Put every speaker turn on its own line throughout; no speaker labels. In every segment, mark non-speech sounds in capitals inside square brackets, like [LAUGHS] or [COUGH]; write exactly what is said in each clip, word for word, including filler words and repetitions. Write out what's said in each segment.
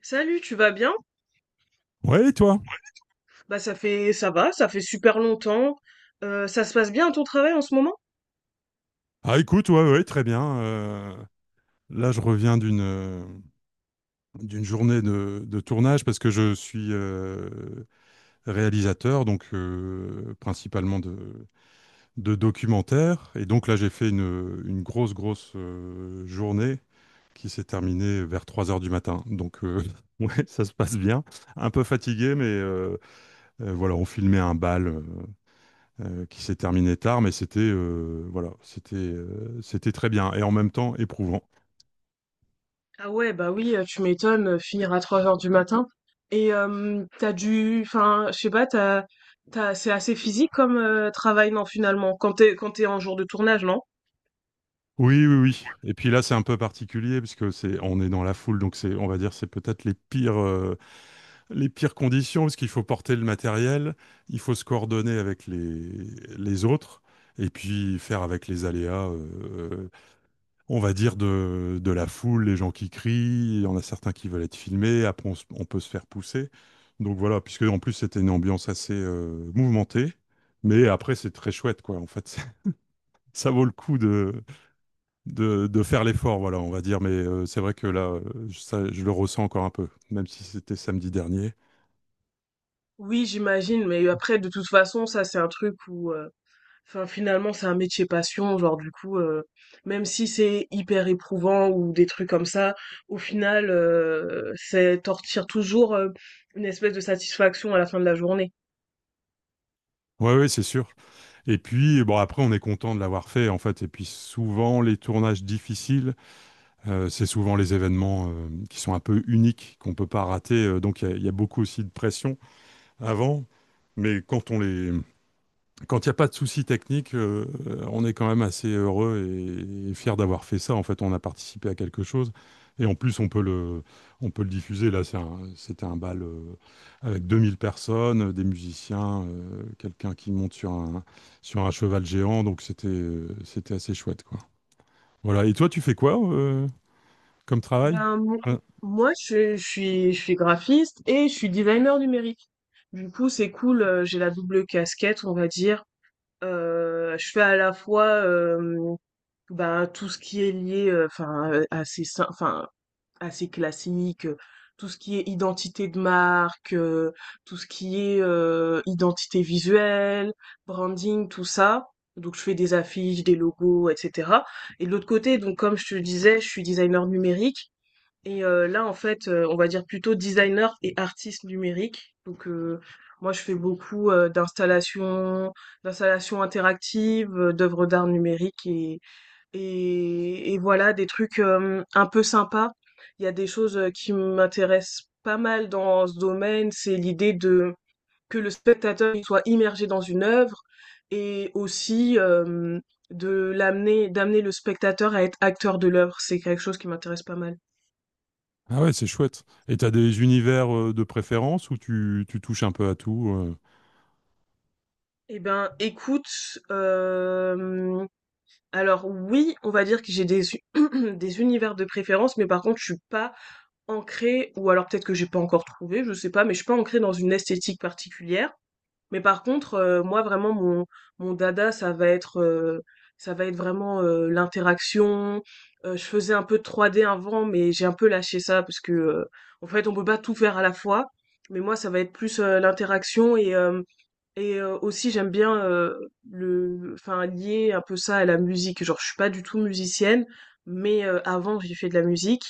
Salut, tu vas bien?
Ouais, et toi?
Bah ça fait ça va, ça fait super longtemps. Euh, ça se passe bien à ton travail en ce moment?
Ah, écoute, ouais, ouais, très bien. Euh, là, je reviens d'une euh, d'une journée de, de tournage parce que je suis euh, réalisateur, donc euh, principalement de, de documentaires. Et donc là, j'ai fait une, une grosse, grosse euh, journée qui s'est terminée vers trois heures du matin. Donc, euh, [LAUGHS] ouais, ça se passe bien. Un peu fatigué, mais euh, euh, voilà, on filmait un bal. euh, euh, qui s'est terminé tard, mais c'était euh, voilà, c'était euh, c'était très bien et en même temps éprouvant.
Ah ouais, bah oui, euh, tu m'étonnes, euh, finir à trois heures du matin. Et euh, t'as dû, enfin, je sais pas, t'as, t'as, c'est assez physique comme euh, travail, non, finalement, quand t'es, quand t'es en jour de tournage, non?
Oui, oui, oui. Et puis là, c'est un peu particulier parce que c'est on est dans la foule, donc c'est on va dire c'est peut-être les pires euh, les pires conditions parce qu'il faut porter le matériel, il faut se coordonner avec les les autres et puis faire avec les aléas. euh, on va dire, de, de la foule, les gens qui crient, il y en a certains qui veulent être filmés, après on, se- on peut se faire pousser. Donc voilà, puisque en plus c'était une ambiance assez euh, mouvementée, mais après c'est très chouette quoi. En fait, [LAUGHS] ça ça vaut le coup de, de, de faire l'effort, voilà, on va dire. Mais euh, c'est vrai que là, euh, ça, je le ressens encore un peu, même si c'était samedi dernier.
Oui, j'imagine, mais après, de toute façon, ça, c'est un truc où euh, Enfin, finalement, c'est un métier passion, genre du coup, euh, même si c'est hyper éprouvant ou des trucs comme ça, au final, euh, c'est t'en retires toujours euh, une espèce de satisfaction à la fin de la journée.
Ouais, ouais, c'est sûr. Et puis bon, après on est content de l'avoir fait en fait. Et puis souvent les tournages difficiles. Euh, c'est souvent les événements euh, qui sont un peu uniques, qu'on ne peut pas rater. Euh, donc, il y, a il y a beaucoup aussi de pression avant. Mais quand on les, quand il n'y a pas de soucis techniques, euh, euh, on est quand même assez heureux et, et fier d'avoir fait ça. En fait, on a participé à quelque chose. Et en plus, on peut le, on peut le diffuser. Là, c'est un- c'était un bal euh, avec deux mille personnes, euh, des musiciens, euh, quelqu'un qui monte sur un, sur un cheval géant. Donc, c'était, euh, c'était assez chouette, quoi. Voilà. Et toi, tu fais quoi euh, comme travail?
Ben, mo- moi, je, je suis, je suis graphiste et je suis designer numérique. Du coup, c'est cool, euh, j'ai la double casquette, on va dire. Euh, je fais à la fois euh, ben, tout ce qui est lié, euh, enfin, euh, à ces, sy- enfin, assez classique, euh, tout ce qui est identité de marque, euh, tout ce qui est euh, identité visuelle, branding, tout ça. Donc je fais des affiches, des logos, et cetera. Et de l'autre côté, donc comme je te le disais, je suis designer numérique. Et euh, là, en fait, euh, on va dire plutôt designer et artiste numérique. Donc euh, moi, je fais beaucoup euh, d'installations, d'installations interactives, euh, d'œuvres d'art numérique et, et, et voilà, des trucs euh, un peu sympas. Il y a des choses euh, qui m'intéressent pas mal dans ce domaine, c'est l'idée de que le spectateur il soit immergé dans une œuvre et aussi euh, de l'amener, d'amener le spectateur à être acteur de l'œuvre. C'est quelque chose qui m'intéresse pas mal.
Ah ouais, c'est chouette. Et t'as des univers euh, de préférence où tu, tu touches un peu à tout. euh.
Eh ben, écoute, euh, alors oui, on va dire que j'ai des u [CLEARS THROAT] des univers de préférence, mais par contre, je suis pas ancrée ou alors peut-être que j'ai pas encore trouvé, je sais pas, mais je suis pas ancrée dans une esthétique particulière. Mais par contre, heu, moi vraiment mon mon dada, ça va être, heu, ça va être vraiment, heu, l'interaction. Heu, je faisais un peu de trois D avant, mais j'ai un peu lâché ça parce que, heu, en fait, on peut pas tout faire à la fois. Mais moi, ça va être plus, heu, l'interaction et hem et euh, aussi j'aime bien euh, le enfin lier un peu ça à la musique. Genre je suis pas du tout musicienne, mais euh, avant j'ai fait de la musique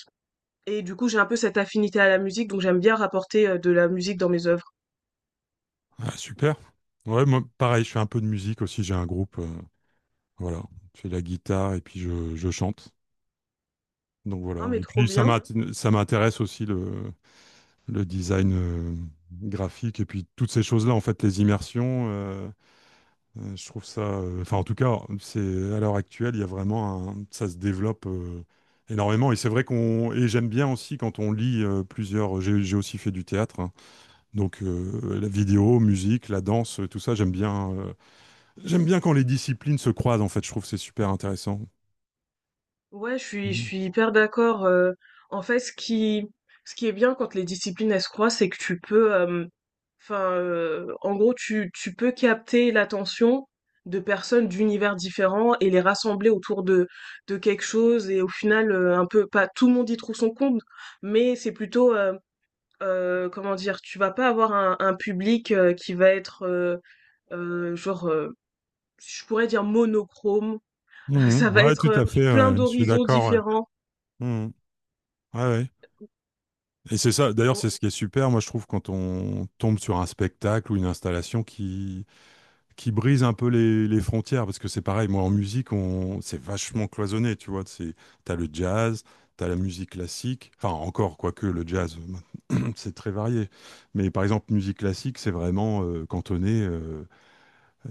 et du coup j'ai un peu cette affinité à la musique donc j'aime bien rapporter euh, de la musique dans mes œuvres.
Ah, super. Ouais, moi, pareil, je fais un peu de musique aussi. J'ai un groupe. euh, voilà. Je fais la guitare et puis je, je chante. Donc voilà.
Non mais
Et
trop
puis ça
bien.
m'int- ça m'intéresse aussi le, le design euh, graphique et puis toutes ces choses-là, en fait, les immersions. euh, Euh, je trouve ça, euh, enfin en tout cas, c'est à l'heure actuelle, il y a vraiment un, ça se développe euh, énormément. Et c'est vrai qu'on, et j'aime bien aussi quand on lit euh, plusieurs. J'ai j'ai aussi fait du théâtre, hein. donc euh, la vidéo, musique, la danse, tout ça, j'aime bien. euh, j'aime bien quand les disciplines se croisent. En fait, je trouve que c'est super intéressant.
Ouais, je suis, je
Mhm.
suis hyper d'accord. Euh, en fait, ce qui, ce qui est bien quand les disciplines elles se croisent, c'est que tu peux, euh, enfin, euh, en gros, tu, tu peux capter l'attention de personnes d'univers différents et les rassembler autour de, de quelque chose. Et au final, euh, un peu, pas tout le monde y trouve son compte, mais c'est plutôt, euh, euh, comment dire, tu vas pas avoir un, un public euh, qui va être, euh, euh, genre, euh, je pourrais dire monochrome. [LAUGHS]
Mhm.
Ça va
Ouais,
être
tout
euh,
à fait,
plein
ouais. Je suis
d'horizons
d'accord, ouais.
différents.
Mhm. Ouais, ouais. Et c'est ça. D'ailleurs, c'est ce qui est super. Moi, je trouve quand on tombe sur un spectacle ou une installation qui qui brise un peu les, les frontières parce que c'est pareil moi en musique on c'est vachement cloisonné tu vois c'est t'as le jazz t'as la musique classique enfin encore quoique le jazz [CLEARS THROAT] c'est très varié mais par exemple musique classique c'est vraiment euh, cantonné euh,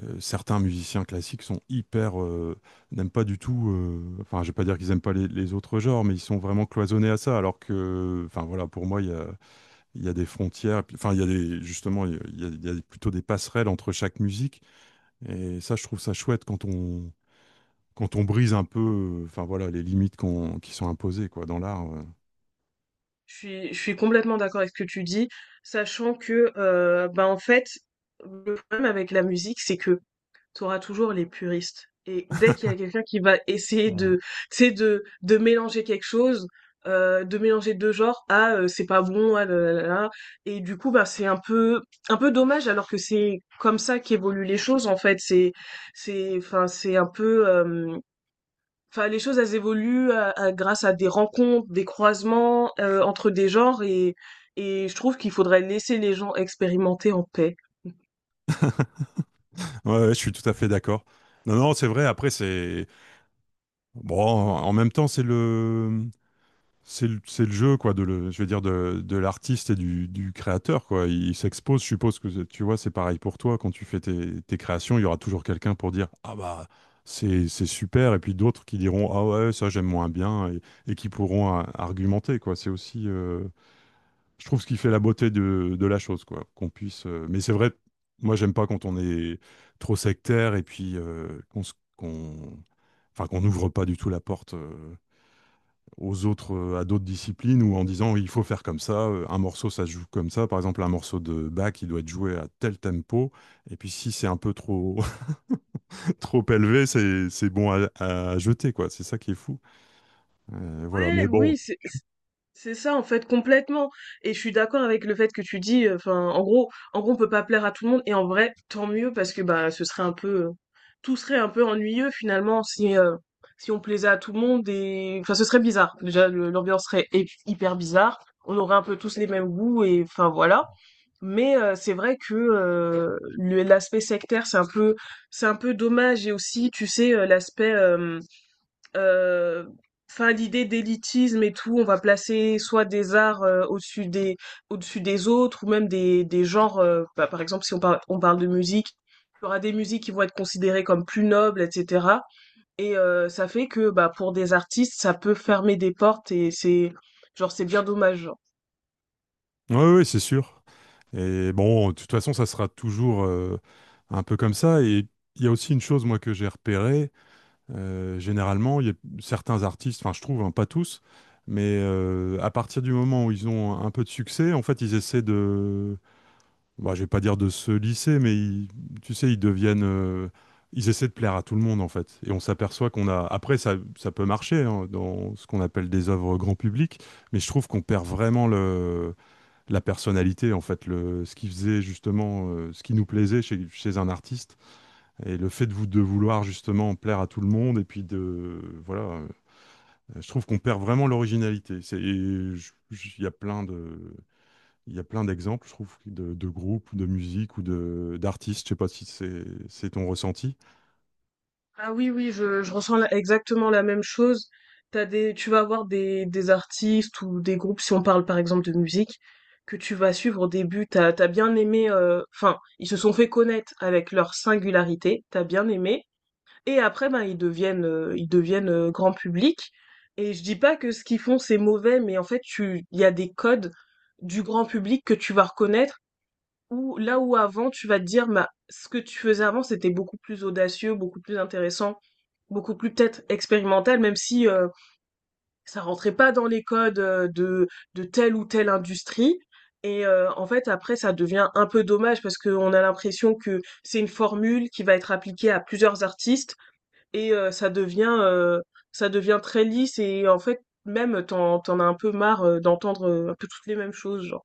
euh, certains musiciens classiques sont hyper euh, n'aiment pas du tout euh, enfin je vais pas dire qu'ils aiment pas les, les autres genres mais ils sont vraiment cloisonnés à ça alors que enfin voilà pour moi il y a il y a des frontières puis- enfin il y a des justement il y a, il y a- il y a plutôt des passerelles entre chaque musique et ça, je trouve ça chouette quand on, quand on brise un peu, euh, enfin voilà, les limites qu'on- qui sont imposées quoi, dans l'art. euh.
Je suis, je suis complètement d'accord avec ce que tu dis, sachant que, euh, bah, en fait, le problème avec la musique, c'est que tu auras toujours les puristes. Et dès qu'il y a quelqu'un qui va essayer de, tu sais, de, de mélanger quelque chose, euh, de mélanger deux genres, ah, euh, c'est pas bon, ah, là, là, là, là. Et du coup, bah, c'est un peu, un peu dommage, alors que c'est comme ça qu'évoluent les choses, en fait. C'est, c'est, enfin, c'est un peu, euh, enfin les choses elles évoluent à- à- grâce à des rencontres, des croisements euh, entre des genres et et je trouve qu'il faudrait laisser les gens expérimenter en paix.
Ouais, ouais, je suis tout à fait d'accord. Non, non, c'est vrai. Après, c'est bon. En même temps, c'est le, c'est le, c'est le jeu quoi, de le, je veux dire de, de l'artiste et du, du créateur quoi. Il s'expose. Je suppose que c'est- tu vois, c'est pareil pour toi quand tu fais tes, tes créations. Il y aura toujours quelqu'un pour dire ah bah c'est c'est super et puis d'autres qui diront ah ouais ça j'aime moins bien et, et qui pourront euh, argumenter quoi. C'est aussi euh, je trouve ce qui fait la beauté de, de la chose, quoi. Qu'on puisse. euh, mais c'est vrai, moi, j'aime pas quand on est trop sectaire et puis euh, qu'on se- qu'on, enfin, qu'on n'ouvre pas du tout la porte euh, aux autres, euh, à d'autres disciplines ou en disant oui, il faut faire comme ça, euh, un morceau ça se joue comme ça. Par exemple, un morceau de Bach, il doit être joué à tel tempo. Et puis si c'est un peu trop [LAUGHS] trop élevé, c'est c'est bon à, à jeter, quoi. C'est ça qui est fou. Euh, voilà.
Ouais,
Mais bon.
oui, c'est c'est c'est ça en fait complètement. Et je suis d'accord avec le fait que tu dis, euh, enfin en gros, en gros on peut pas plaire à tout le monde et en vrai tant mieux parce que bah ce serait un peu, euh, tout serait un peu ennuyeux finalement si euh, si on plaisait à tout le monde et enfin ce serait bizarre. Déjà le- l'ambiance serait hy- hyper bizarre. On aurait un peu tous les mêmes goûts et enfin voilà. Mais euh, c'est vrai que euh, le- l'aspect sectaire, c'est un peu, c'est un peu dommage. Et aussi, tu sais, euh, l'aspect, euh, euh, enfin, l'idée d'élitisme et tout, on va placer soit des arts euh, au-dessus des, au-dessus des autres, ou même des, des genres. Euh, bah, par exemple, si on parle, on parle de musique, il y aura des musiques qui vont être considérées comme plus nobles, et cetera. Et euh, ça fait que, bah, pour des artistes, ça peut fermer des portes et c'est, genre, c'est bien dommage.
Ouais, ouais, c'est sûr. Et bon, de toute façon, ça sera toujours euh, un peu comme ça. Et il y a aussi une chose, moi, que j'ai repérée. euh, généralement, il y a certains artistes, enfin, je trouve, hein, pas tous, mais euh, à partir du moment où ils ont un peu de succès, en fait, ils essaient de, bah, je vais pas dire de se lisser, mais ils- tu sais, ils deviennent, euh, ils essaient de plaire à tout le monde, en fait. Et on s'aperçoit qu'on a, après, ça, ça peut marcher hein, dans ce qu'on appelle des œuvres grand public, mais je trouve qu'on perd vraiment le la personnalité, en fait, le, ce qui faisait justement, euh, ce qui nous plaisait chez, chez un artiste, et le fait de, vou- de vouloir justement plaire à tout le monde, et puis de, voilà, euh, je trouve qu'on perd vraiment l'originalité. C'est, et je- je- il y a plein de, il y a plein d'exemples, je trouve, de, de groupes, de musique ou de d'artistes. Je sais pas si c'est, c'est ton ressenti.
Ah oui, oui, je, je ressens la- exactement la même chose. T'as des, tu vas avoir des, des artistes ou des groupes, si on parle par exemple de musique, que tu vas suivre au début, t'as, t'as bien aimé, euh, enfin, ils se sont fait connaître avec leur singularité, t'as bien aimé, et après, ben, ils deviennent, euh, ils deviennent euh, grand public. Et je dis pas que ce qu'ils font c'est mauvais, mais en fait, tu, il y a des codes du grand public que tu vas reconnaître ou là où avant tu vas te dire, bah, ce que tu faisais avant, c'était beaucoup plus audacieux, beaucoup plus intéressant, beaucoup plus peut-être expérimental, même si euh, ça rentrait pas dans les codes euh, de, de telle ou telle industrie. Et euh, en fait, après, ça devient un peu dommage parce qu'on a l'impression que c'est une formule qui va être appliquée à plusieurs artistes et euh, ça devient euh, ça devient très lisse et en fait, même t'en t'en as un peu marre euh, d'entendre euh, un peu toutes les mêmes choses, genre.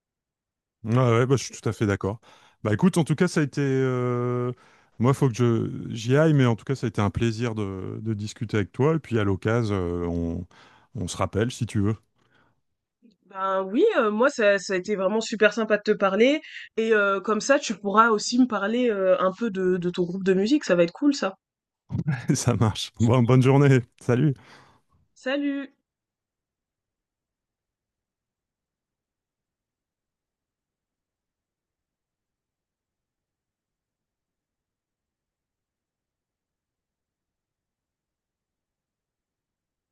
Ouais, ouais, bah, je suis tout à fait d'accord. Bah écoute, en tout cas, ça a été. euh, Moi, faut que je j'y aille, mais en tout cas, ça a été un plaisir de, de discuter avec toi. Et puis à l'occasion, euh, on... on se rappelle si tu veux.
Ben oui, euh, moi ça, ça a été vraiment super sympa de te parler et euh, comme ça tu pourras aussi me parler euh, un peu de, de ton groupe de musique, ça va être cool ça.
[LAUGHS] Ça marche. Bon, bonne journée. Salut.
Salut!